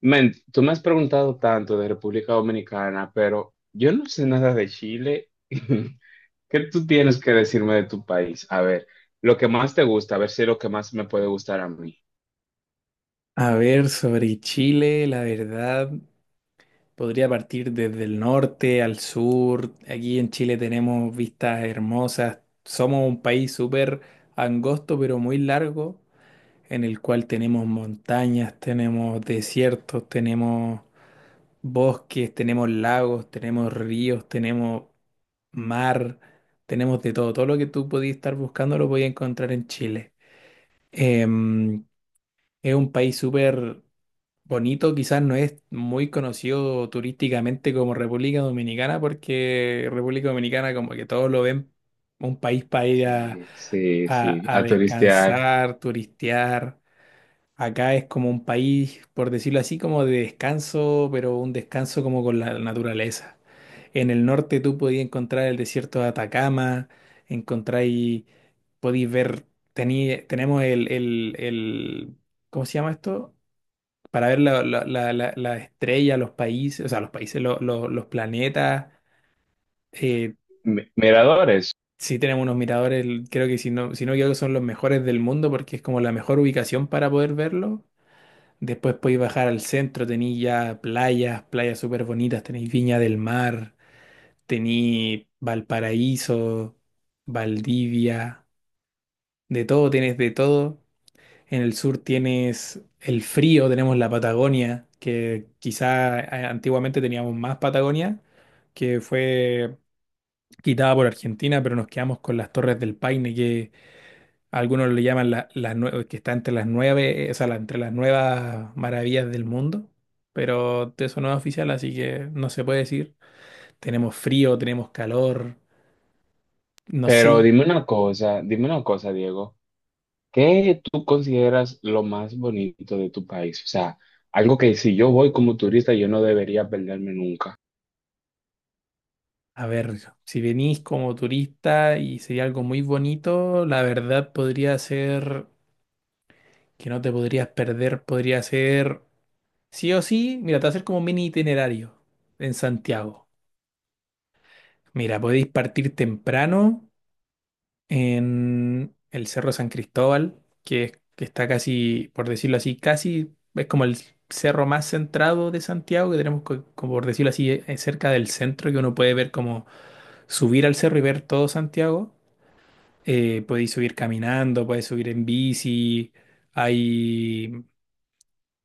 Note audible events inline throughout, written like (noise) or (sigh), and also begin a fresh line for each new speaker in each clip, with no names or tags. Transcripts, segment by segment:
Men, tú me has preguntado tanto de República Dominicana, pero yo no sé nada de Chile. (laughs) ¿Qué tú tienes que decirme de tu país? A ver, lo que más te gusta, a ver si es lo que más me puede gustar a mí.
A ver, sobre Chile, la verdad, podría partir desde el norte al sur. Aquí en Chile tenemos vistas hermosas. Somos un país súper angosto, pero muy largo, en el cual tenemos montañas, tenemos desiertos, tenemos bosques, tenemos lagos, tenemos ríos, tenemos mar, tenemos de todo. Todo lo que tú podías estar buscando lo podías encontrar en Chile. Em, es un país súper bonito, quizás no es muy conocido turísticamente como República Dominicana, porque República Dominicana como que todos lo ven un país para ir a,
Sí, sí, sí,
a
a turistear.
descansar, turistear. Acá es como un país, por decirlo así, como de descanso, pero un descanso como con la naturaleza. En el norte tú podías encontrar el desierto de Atacama, encontráis, podéis ver, tenemos el ¿cómo se llama esto? Para ver la estrella, los países, o sea, los países, los planetas. Eh,
Miradores.
sí, tenemos unos miradores, creo que si no, si no, creo que son los mejores del mundo, porque es como la mejor ubicación para poder verlo. Después podéis bajar al centro, tenéis ya playas, playas súper bonitas, tenéis Viña del Mar, tenéis Valparaíso, Valdivia, de todo, tenéis de todo. En el sur tienes el frío, tenemos la Patagonia, que quizá antiguamente teníamos más Patagonia, que fue quitada por Argentina, pero nos quedamos con las Torres del Paine, que algunos le llaman que está entre las 9, o sea, entre las nuevas maravillas del mundo, pero eso no es oficial, así que no se puede decir. Tenemos frío, tenemos calor, no
Pero
sé.
dime una cosa, Diego. ¿Qué tú consideras lo más bonito de tu país? O sea, algo que si yo voy como turista, yo no debería perderme nunca.
A ver, si venís como turista y sería algo muy bonito, la verdad podría ser que no te podrías perder, podría ser, sí o sí. Mira, te va a hacer como un mini itinerario en Santiago. Mira, podéis partir temprano en el Cerro San Cristóbal, que, que está casi, por decirlo así, casi es como el cerro más centrado de Santiago, que tenemos, como por decirlo así, cerca del centro, que uno puede ver como subir al cerro y ver todo Santiago. Podéis subir caminando, podéis subir en bici, hay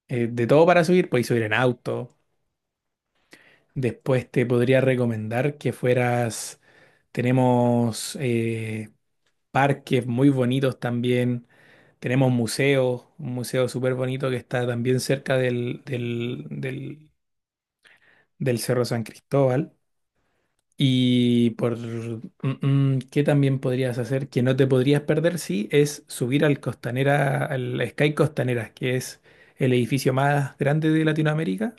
de todo para subir, podéis subir en auto. Después te podría recomendar que fueras, tenemos parques muy bonitos también, tenemos museos, un museo súper bonito que está también cerca del Cerro San Cristóbal. Y por qué también podrías hacer, que no te podrías perder, sí, es subir al Costanera, al Sky Costanera, que es el edificio más grande de Latinoamérica,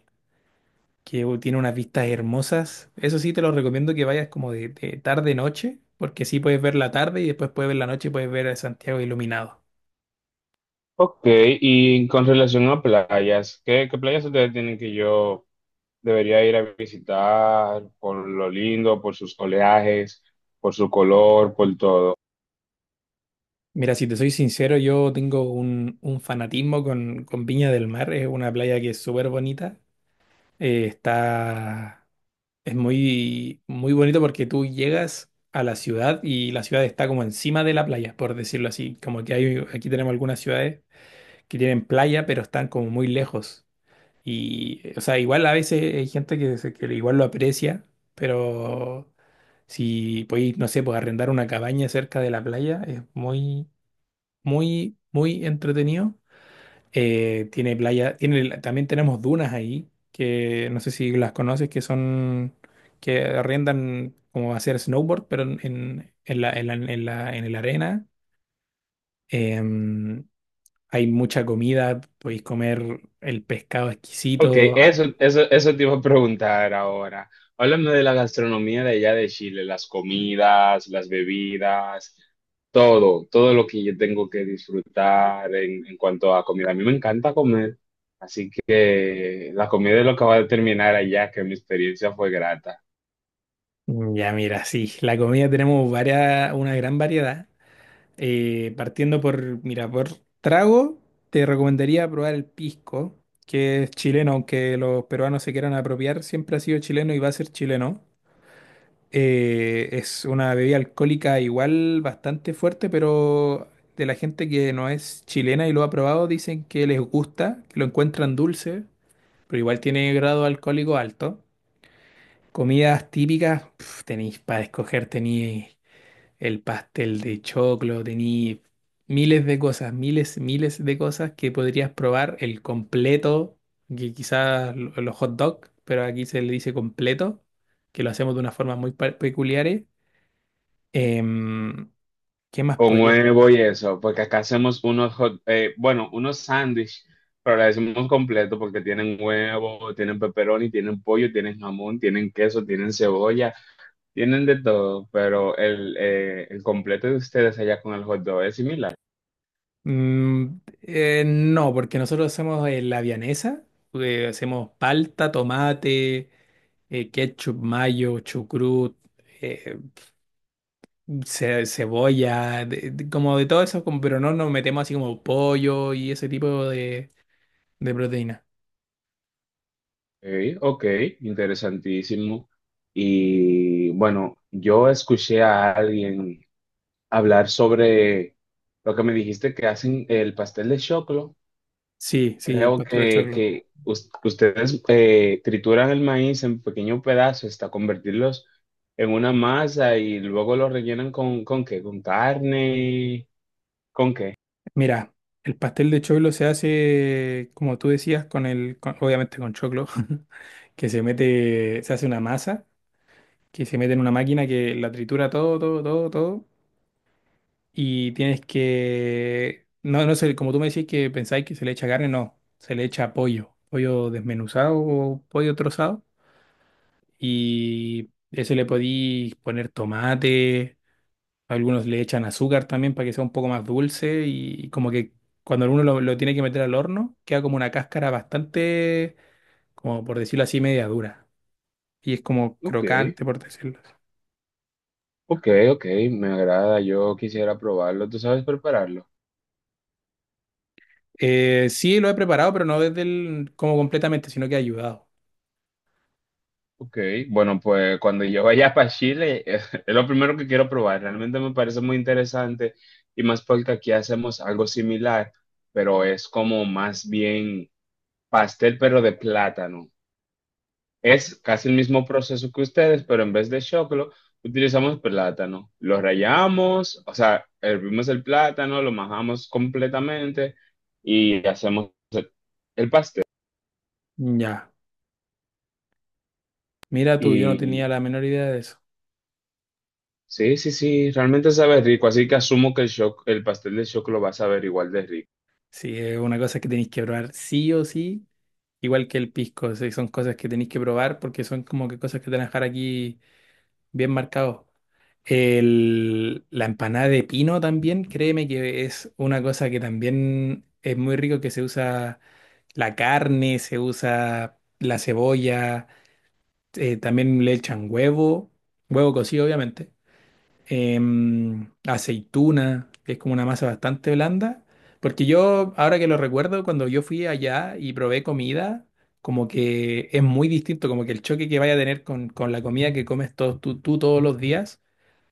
que tiene unas vistas hermosas. Eso sí, te lo recomiendo que vayas como de tarde-noche, porque sí puedes ver la tarde y después puedes ver la noche y puedes ver a Santiago iluminado.
Ok, y con relación a playas, ¿qué, qué playas ustedes tienen que yo debería ir a visitar por lo lindo, por sus oleajes, por su color, por todo?
Mira, si te soy sincero, yo tengo un fanatismo con Viña del Mar. Es una playa que es súper bonita. Eh, está, es muy, muy bonito porque tú llegas a la ciudad y la ciudad está como encima de la playa, por decirlo así. Como que hay, aquí tenemos algunas ciudades que tienen playa, pero están como muy lejos. Y, o sea, igual a veces hay gente que, que igual lo aprecia, pero si podéis, no sé, pues arrendar una cabaña cerca de la playa es muy, muy, muy entretenido. Tiene playa, tiene, también tenemos dunas ahí, que no sé si las conoces, que son, que arrendan como hacer snowboard, pero en la, en la, en la, en la arena. Em, Hay mucha comida, podéis comer el pescado
Ok,
exquisito.
eso te iba a preguntar ahora. Háblame de la gastronomía de allá de Chile, las comidas, las bebidas, todo, todo lo que yo tengo que disfrutar en cuanto a comida. A mí me encanta comer, así que la comida es lo que va a determinar allá que mi experiencia fue grata.
Ya mira, sí, la comida tenemos varias, una gran variedad. Partiendo por, mira, por trago, te recomendaría probar el pisco, que es chileno, aunque los peruanos se quieran apropiar, siempre ha sido chileno y va a ser chileno. Es una bebida alcohólica igual bastante fuerte, pero de la gente que no es chilena y lo ha probado, dicen que les gusta, que lo encuentran dulce, pero igual tiene grado alcohólico alto. Comidas típicas, pf, tenéis para escoger, tenéis el pastel de choclo, tení miles de cosas, miles, miles de cosas que podrías probar, el completo, que quizás los hot dog, pero aquí se le dice completo, que lo hacemos de una forma muy peculiares. Em, ¿Qué más
Con
podría?
huevo y eso, porque acá hacemos unos hot, unos sándwich, pero le decimos completo porque tienen huevo, tienen pepperoni, tienen pollo, tienen jamón, tienen queso, tienen cebolla, tienen de todo, pero el completo de ustedes allá con el hot dog es similar.
No, porque nosotros hacemos la vianesa, hacemos palta, tomate, ketchup, mayo, chucrut, eh, cebolla, como de todo eso, pero no nos metemos así como pollo y ese tipo de proteína.
Ok, ok, interesantísimo. Y bueno, yo escuché a alguien hablar sobre lo que me dijiste que hacen el pastel de choclo.
Sí, sí, el
Creo
pastel de
que,
choclo.
que us- ustedes trituran el maíz en pequeños pedazos hasta convertirlos en una masa y luego lo rellenan ¿con qué? ¿Con carne? ¿Con qué?
Mira, el pastel de choclo se hace, como tú decías, obviamente con choclo, (laughs) que se mete, se hace una masa, que se mete en una máquina que la tritura todo, todo, todo, todo, y tienes que, no, no sé, como tú me decís que pensáis que se le echa carne, no, se le echa pollo, pollo desmenuzado o pollo trozado y eso le podí poner tomate, algunos le echan azúcar también para que sea un poco más dulce y como que cuando uno lo tiene que meter al horno queda como una cáscara bastante, como por decirlo así, media dura, y es como
Ok,
crocante por decirlo así.
ok, ok, me agrada, yo quisiera probarlo. ¿Tú sabes prepararlo?
Sí, lo he preparado, pero no desde el, como completamente, sino que he ayudado.
Ok, bueno, pues cuando yo vaya para Chile, (laughs) es lo primero que quiero probar. Realmente me parece muy interesante y más porque aquí hacemos algo similar, pero es como más bien pastel, pero de plátano. Es casi el mismo proceso que ustedes, pero en vez de choclo, utilizamos plátano. Lo rallamos, o sea, hervimos el plátano, lo majamos completamente y hacemos el pastel.
Ya, mira tú, yo no tenía
Y
la menor idea de eso.
sí, sí, sí, realmente sabe rico, así que asumo que el pastel de choclo va a saber igual de rico.
Sí, es una cosa que tenéis que probar sí o sí, igual que el pisco. Sí, son cosas que tenéis que probar porque son como que cosas que te van a dejar aquí bien marcados. La empanada de pino también, créeme que es una cosa que también es muy rico, que se usa la carne, se usa la cebolla, también le echan huevo, huevo cocido obviamente, aceituna, que es como una masa bastante blanda. Porque yo, ahora que lo recuerdo, cuando yo fui allá y probé comida, como que es muy distinto, como que el choque que vaya a tener con la comida que comes todos tú todos los días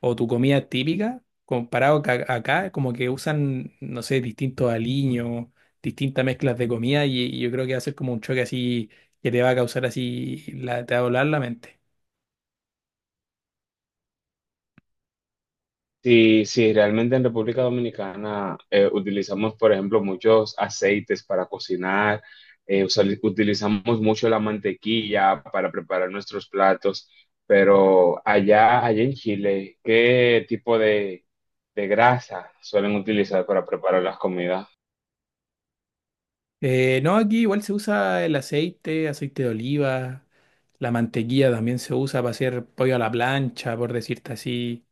o tu comida típica, comparado acá, como que usan, no sé, distintos aliños, distintas mezclas de comida y yo creo que va a ser como un choque así que te va a causar así, la, te va a volar la mente.
Sí, sí, realmente en República Dominicana utilizamos, por ejemplo, muchos aceites para cocinar, utilizamos mucho la mantequilla para preparar nuestros platos, pero allá en Chile, ¿qué tipo de grasa suelen utilizar para preparar las comidas?
No, aquí igual se usa el aceite, aceite de oliva, la mantequilla también se usa para hacer pollo a la plancha, por decirte así.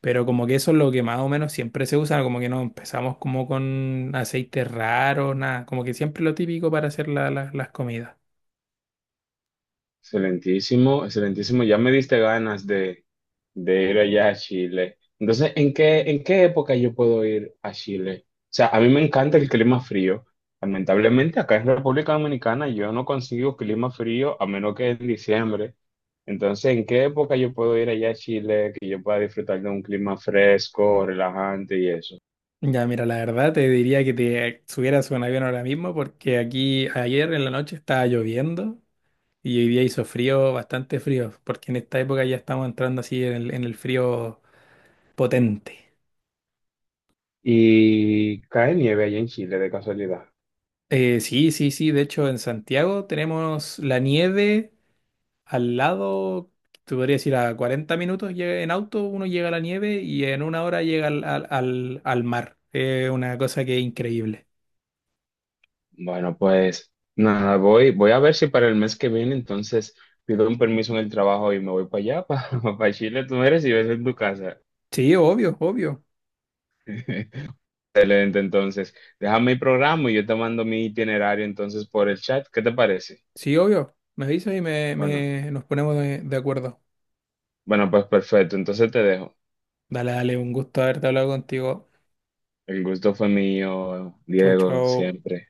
Pero como que eso es lo que más o menos siempre se usa, como que no empezamos como con aceites raros, nada, como que siempre lo típico para hacer las comidas.
Excelentísimo, excelentísimo. Ya me diste ganas de ir allá a Chile. Entonces, en qué época yo puedo ir a Chile? O sea, a mí me encanta el clima frío. Lamentablemente, acá en República Dominicana yo no consigo clima frío a menos que en diciembre. Entonces, ¿en qué época yo puedo ir allá a Chile que yo pueda disfrutar de un clima fresco, relajante y eso?
Ya, mira, la verdad te diría que te subieras a un avión ahora mismo porque aquí ayer en la noche estaba lloviendo y hoy día hizo frío, bastante frío, porque en esta época ya estamos entrando así en el frío potente.
¿Y cae nieve allá en Chile de casualidad?
Sí, sí, sí. De hecho, en Santiago tenemos la nieve al lado. Te podría decir a 40 minutos en auto uno llega a la nieve y en una hora llega al, al, al, al mar. Es una cosa que es increíble.
Bueno, pues nada, voy, voy a ver si para el mes que viene entonces pido un permiso en el trabajo y me voy para allá, (laughs) para Chile, tú eres y ves en tu casa.
Sí, obvio, obvio.
(laughs) Excelente, entonces, déjame el programa y yo te mando mi itinerario entonces por el chat, ¿qué te parece?
Sí, obvio. Me avisas y
Bueno,
nos ponemos de acuerdo.
bueno, pues perfecto, entonces te dejo.
Dale, dale, un gusto haberte hablado contigo.
El gusto fue mío,
Chau,
Diego,
chau.
siempre.